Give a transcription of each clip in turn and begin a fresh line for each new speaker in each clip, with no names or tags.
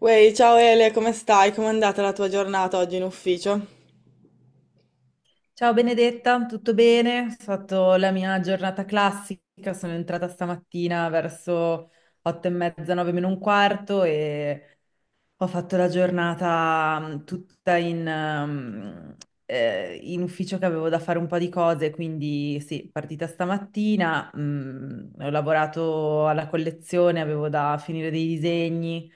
Uè, ciao Ele, come stai? Com'è andata la tua giornata oggi in ufficio?
Ciao Benedetta, tutto bene? Ho fatto la mia giornata classica, sono entrata stamattina verso 8:30, 8:45 e ho fatto la giornata tutta in ufficio che avevo da fare un po' di cose, quindi sì, partita stamattina, ho lavorato alla collezione, avevo da finire dei disegni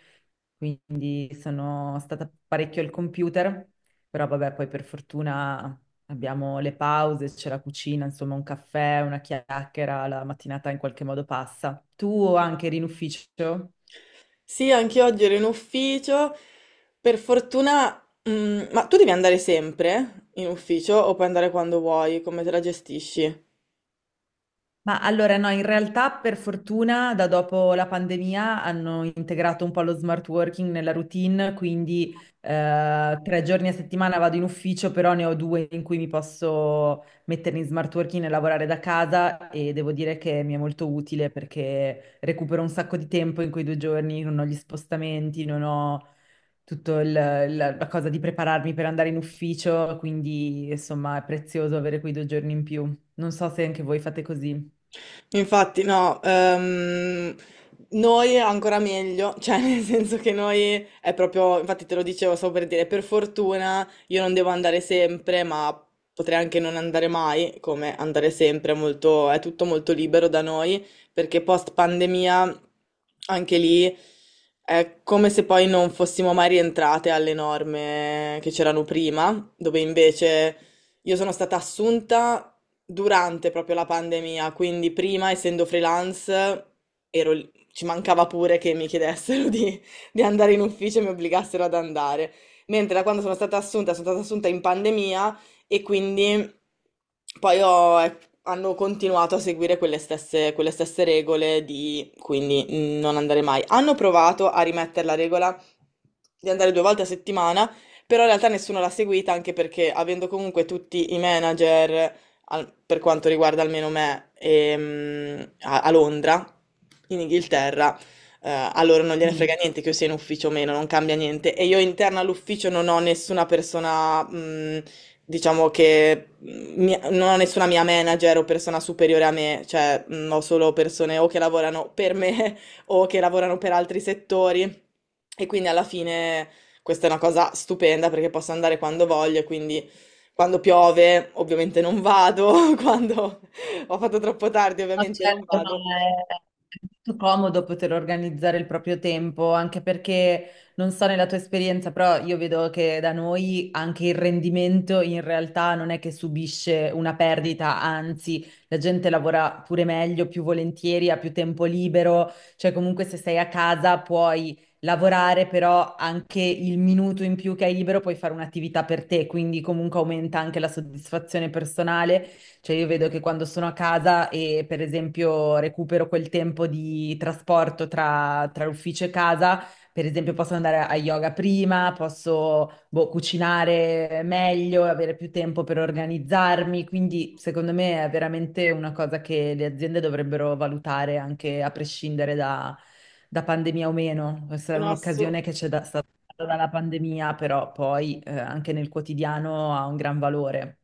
quindi sono stata parecchio al computer, però vabbè, poi per fortuna abbiamo le pause, c'è la cucina, insomma un caffè, una chiacchiera, la mattinata in qualche modo passa. Tu anche eri in ufficio?
Sì, anche oggi ero in ufficio. Per fortuna, mm, ma tu devi andare sempre in ufficio o puoi andare quando vuoi? Come te la gestisci?
Ma allora no, in realtà per fortuna da dopo la pandemia hanno integrato un po' lo smart working nella routine, quindi 3 giorni a settimana vado in ufficio, però ne ho due in cui mi posso mettere in smart working e lavorare da casa e devo dire che mi è molto utile perché recupero un sacco di tempo in quei 2 giorni, non ho gli spostamenti, non ho tutto la cosa di prepararmi per andare in ufficio, quindi insomma è prezioso avere quei 2 giorni in più. Non so se anche voi fate così.
Infatti, no, noi ancora meglio, cioè nel senso che noi è proprio, infatti te lo dicevo, stavo per dire, per fortuna io non devo andare sempre, ma potrei anche non andare mai, come andare sempre, è molto, è tutto molto libero da noi, perché post pandemia anche lì è come se poi non fossimo mai rientrate alle norme che c'erano prima, dove invece... Io sono stata assunta durante proprio la pandemia, quindi prima, essendo freelance, ero lì- ci mancava pure che mi chiedessero di andare in ufficio e mi obbligassero ad andare. Mentre da quando sono stata assunta in pandemia e quindi poi ho- hanno continuato a seguire quelle stesse regole di quindi mm, non andare mai. Hanno provato a rimettere la regola di andare 2 volte a settimana, però in realtà nessuno l'ha seguita anche perché avendo comunque tutti i manager, al- per quanto riguarda almeno me, a Londra, in Inghilterra, a loro non gliene frega
Mm.
niente che io sia in ufficio o meno, non cambia niente. E io interna all'ufficio non ho nessuna persona, diciamo che mia- non ho nessuna mia manager o persona superiore a me, cioè ho solo persone o che lavorano per me o che lavorano per altri settori. E quindi alla fine questa è una cosa stupenda perché posso andare quando voglio, quindi quando piove ovviamente non vado, quando ho fatto troppo tardi
No,
ovviamente non
certo, ma
vado.
è, è molto comodo poter organizzare il proprio tempo, anche perché non so nella tua esperienza, però io vedo che da noi anche il rendimento in realtà non è che subisce una perdita, anzi, la gente lavora pure meglio, più volentieri, ha più tempo libero, cioè comunque se sei a casa puoi lavorare, però anche il minuto in più che hai libero puoi fare un'attività per te, quindi comunque aumenta anche la soddisfazione personale. Cioè io vedo che quando sono a casa e per esempio recupero quel tempo di trasporto tra, tra l'ufficio e casa, per esempio posso andare a yoga prima, posso boh, cucinare meglio, avere più tempo per organizzarmi, quindi secondo me è veramente una cosa che le aziende dovrebbero valutare anche a prescindere da pandemia o meno. Questa è
Sono
un'occasione
assolutamente...
che c'è stata data dalla pandemia, però poi anche nel quotidiano ha un gran valore.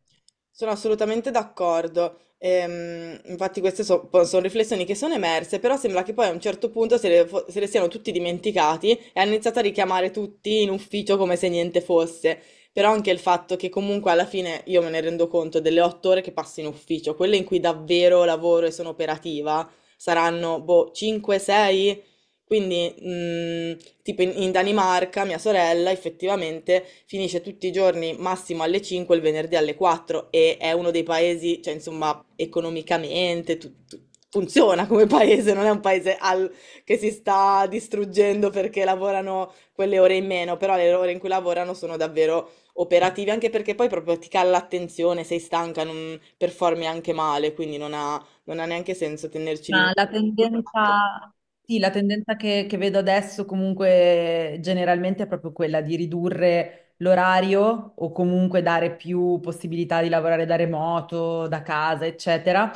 Sono assolutamente d'accordo. Infatti queste so- po- sono riflessioni che sono emerse, però sembra che poi a un certo punto se le, fo- se le siano tutti dimenticati e hanno iniziato a richiamare tutti in ufficio come se niente fosse. Però anche il fatto che comunque alla fine io me ne rendo conto delle 8 ore che passo in ufficio, quelle in cui davvero lavoro e sono operativa, saranno boh, 5-6, quindi, tipo in, in Danimarca, mia sorella effettivamente finisce tutti i giorni massimo alle 5, il venerdì alle 4 e è uno dei paesi, cioè insomma, economicamente tu- tu- funziona come paese, non è un paese al- che si sta distruggendo perché lavorano quelle ore in meno, però le ore in cui lavorano sono davvero operativi, anche perché poi proprio ti cala l'attenzione, sei stanca, non performi anche male, quindi non ha neanche senso tenerci di nuovo.
Ma la tendenza, sì, la tendenza che vedo adesso comunque generalmente è proprio quella di ridurre l'orario o comunque dare più possibilità di lavorare da remoto, da casa, eccetera,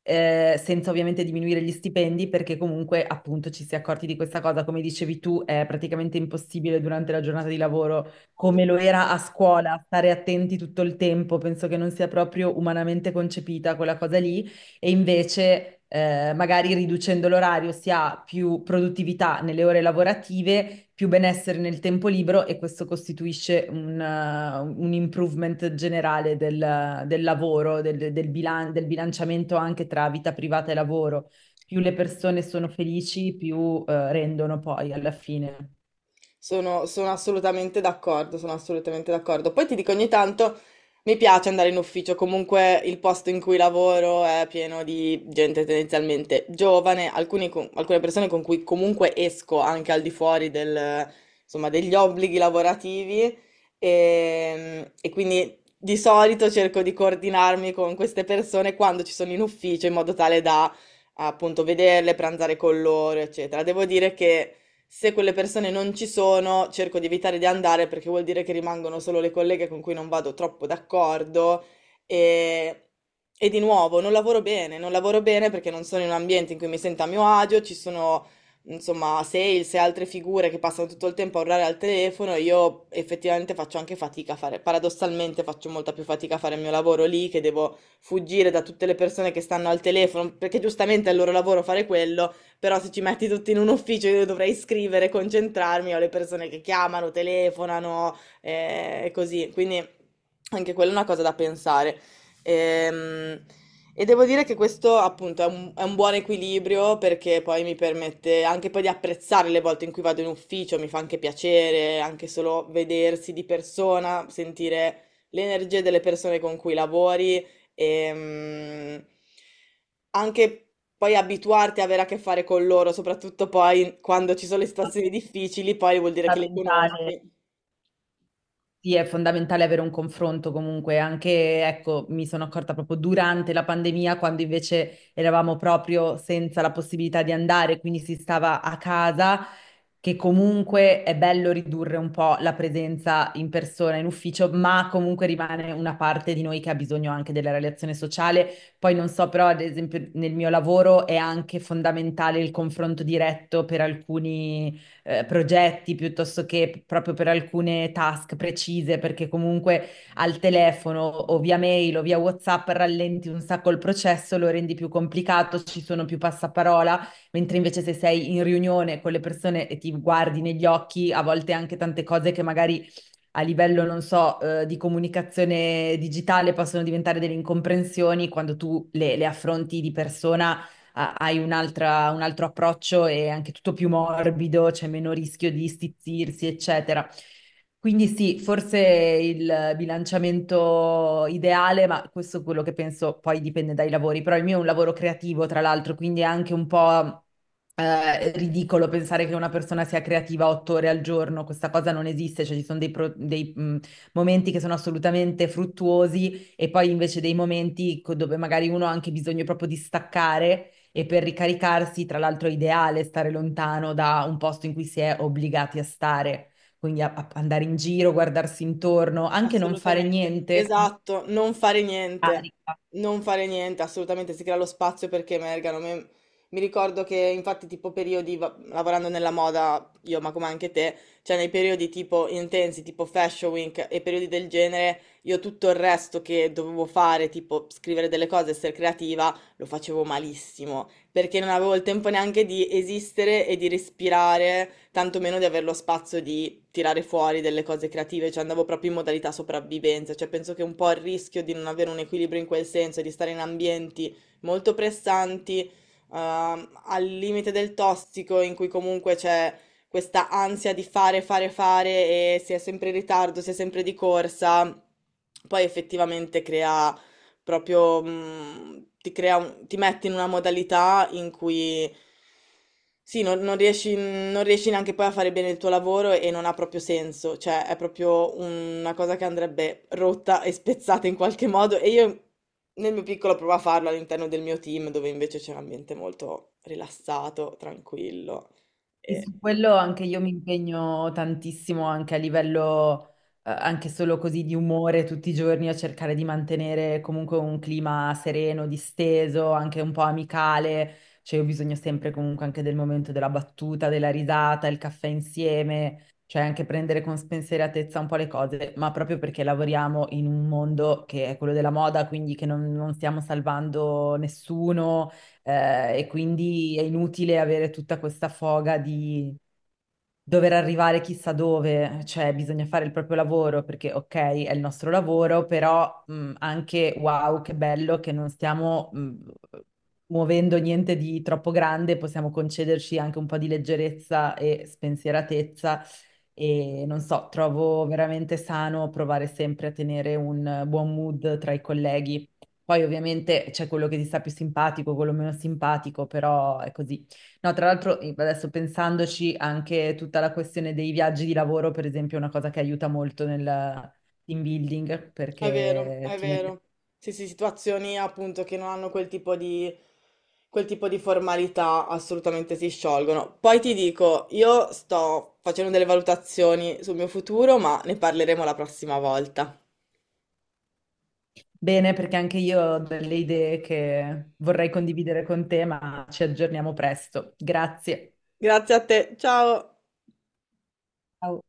senza ovviamente diminuire gli stipendi, perché comunque appunto ci si è accorti di questa cosa, come dicevi tu, è praticamente impossibile durante la giornata di lavoro, come lo era a scuola, stare attenti tutto il tempo, penso che non sia proprio umanamente concepita quella cosa lì, e invece magari riducendo l'orario si ha più produttività nelle ore lavorative, più benessere nel tempo libero e questo costituisce un improvement generale del lavoro, del bilanciamento anche tra vita privata e lavoro. Più le persone sono felici, più rendono poi alla fine.
Sono assolutamente d'accordo, sono assolutamente d'accordo. Poi ti dico, ogni tanto mi piace andare in ufficio, comunque il posto in cui lavoro è pieno di gente tendenzialmente giovane, alcuni con- alcune persone con cui comunque esco anche al di fuori del, insomma, degli obblighi lavorativi e quindi di solito cerco di coordinarmi con queste persone quando ci sono in ufficio in modo tale da appunto vederle, pranzare con loro, eccetera. Devo dire che se quelle persone non ci sono, cerco di evitare di andare perché vuol dire che rimangono solo le colleghe con cui non vado troppo d'accordo e, e di nuovo non lavoro bene, non lavoro bene perché non sono in un ambiente in cui mi sento a mio agio, ci sono insomma sales e altre figure che passano tutto il tempo a urlare al telefono, io effettivamente faccio anche fatica a fare, paradossalmente faccio molta più fatica a fare il mio lavoro lì che devo fuggire da tutte le persone che stanno al telefono, perché giustamente è il loro lavoro fare quello però se ci metti tutti in un ufficio io dovrei scrivere, concentrarmi, ho le persone che chiamano, telefonano e così, quindi anche quella è una cosa da pensare. Ehm, devo dire che questo appunto è è un buon equilibrio perché poi mi permette anche poi di apprezzare le volte in cui vado in ufficio, mi fa anche piacere, anche solo vedersi di persona, sentire l'energia delle persone con cui lavori. Ehm, Anche poi abituarti a avere a che fare con loro, soprattutto poi quando ci sono le situazioni difficili, poi vuol dire che le
Fondamentale.
conosci.
Sì, è fondamentale avere un confronto comunque, anche, ecco, mi sono accorta proprio durante la pandemia, quando invece eravamo proprio senza la possibilità di andare, quindi si stava a casa, che comunque è bello ridurre un po' la presenza in persona, in ufficio, ma comunque rimane una parte di noi che ha bisogno anche della relazione sociale. Poi non so, però, ad esempio, nel mio lavoro è anche fondamentale il confronto diretto per alcuni progetti piuttosto che proprio per alcune task precise, perché comunque al telefono o via mail o via WhatsApp rallenti un sacco il processo, lo rendi più complicato, ci sono più passaparola, mentre invece se sei in riunione con le persone e ti guardi negli occhi, a volte anche tante cose che magari a livello, non so, di comunicazione digitale possono diventare delle incomprensioni, quando tu le affronti di persona hai un altro approccio e anche tutto più morbido, c'è meno rischio di stizzirsi, eccetera. Quindi sì, forse il bilanciamento ideale, ma questo è quello che penso poi dipende dai lavori, però il mio è un lavoro creativo, tra l'altro, quindi è anche un po' ridicolo pensare che una persona sia creativa 8 ore al giorno, questa cosa non esiste, cioè ci sono dei momenti che sono assolutamente fruttuosi e poi invece dei momenti dove magari uno ha anche bisogno proprio di staccare e per ricaricarsi, tra l'altro è ideale stare lontano da un posto in cui si è obbligati a stare, quindi andare in giro, guardarsi intorno, anche non fare
Assolutamente,
niente, comunque
esatto, non fare niente,
carica.
non fare niente, assolutamente si crea lo spazio perché emergano. Me- mi ricordo che infatti tipo periodi, va- lavorando nella moda, io ma come anche te, cioè nei periodi tipo intensi, tipo Fashion Week e periodi del genere, io tutto il resto che dovevo fare, tipo scrivere delle cose, essere creativa, lo facevo malissimo perché non avevo il tempo neanche di esistere e di respirare, tantomeno di avere lo spazio di tirare fuori delle cose creative, cioè andavo proprio in modalità sopravvivenza, cioè penso che un po' il rischio di non avere un equilibrio in quel senso e di stare in ambienti molto pressanti, al limite del tossico, in cui comunque c'è questa ansia di fare, fare, fare e si è sempre in ritardo, si è sempre di corsa, poi effettivamente crea. Proprio, mhmm, ti crea un ti mette in una modalità in cui sì, non riesci non riesci neanche poi a fare bene il tuo lavoro e non ha proprio senso, cioè è proprio una cosa che andrebbe rotta e spezzata in qualche modo e io nel mio piccolo provo a farlo all'interno del mio team, dove invece c'è un ambiente molto rilassato, tranquillo.
Sì,
E
su quello anche io mi impegno tantissimo anche a livello, anche solo così di umore tutti i giorni a cercare di mantenere comunque un clima sereno, disteso, anche un po' amicale. Cioè, ho bisogno sempre comunque anche del momento della battuta, della risata, il caffè insieme, cioè anche prendere con spensieratezza un po' le cose, ma proprio perché lavoriamo in un mondo che è quello della moda, quindi che non stiamo salvando nessuno e quindi è inutile avere tutta questa foga di, dover arrivare chissà dove, cioè bisogna fare il proprio lavoro perché ok, è il nostro lavoro, però anche wow, che bello che non stiamo muovendo niente di troppo grande, possiamo concederci anche un po' di leggerezza e spensieratezza e non so, trovo veramente sano provare sempre a tenere un buon mood tra i colleghi. Poi ovviamente c'è quello che ti sta più simpatico, quello meno simpatico, però è così. No, tra l'altro adesso pensandoci anche tutta la questione dei viaggi di lavoro, per esempio, è una cosa che aiuta molto nel team building
È vero,
perché
è
ti mette
vero. Sì, sì, situazioni appunto che non hanno quel tipo di formalità assolutamente si sciolgono. Poi ti dico, io sto facendo delle valutazioni sul mio futuro, ma ne parleremo la prossima volta.
bene, perché anche io ho delle idee che vorrei condividere con te, ma ci aggiorniamo presto. Grazie.
Grazie a te, ciao!
Ciao.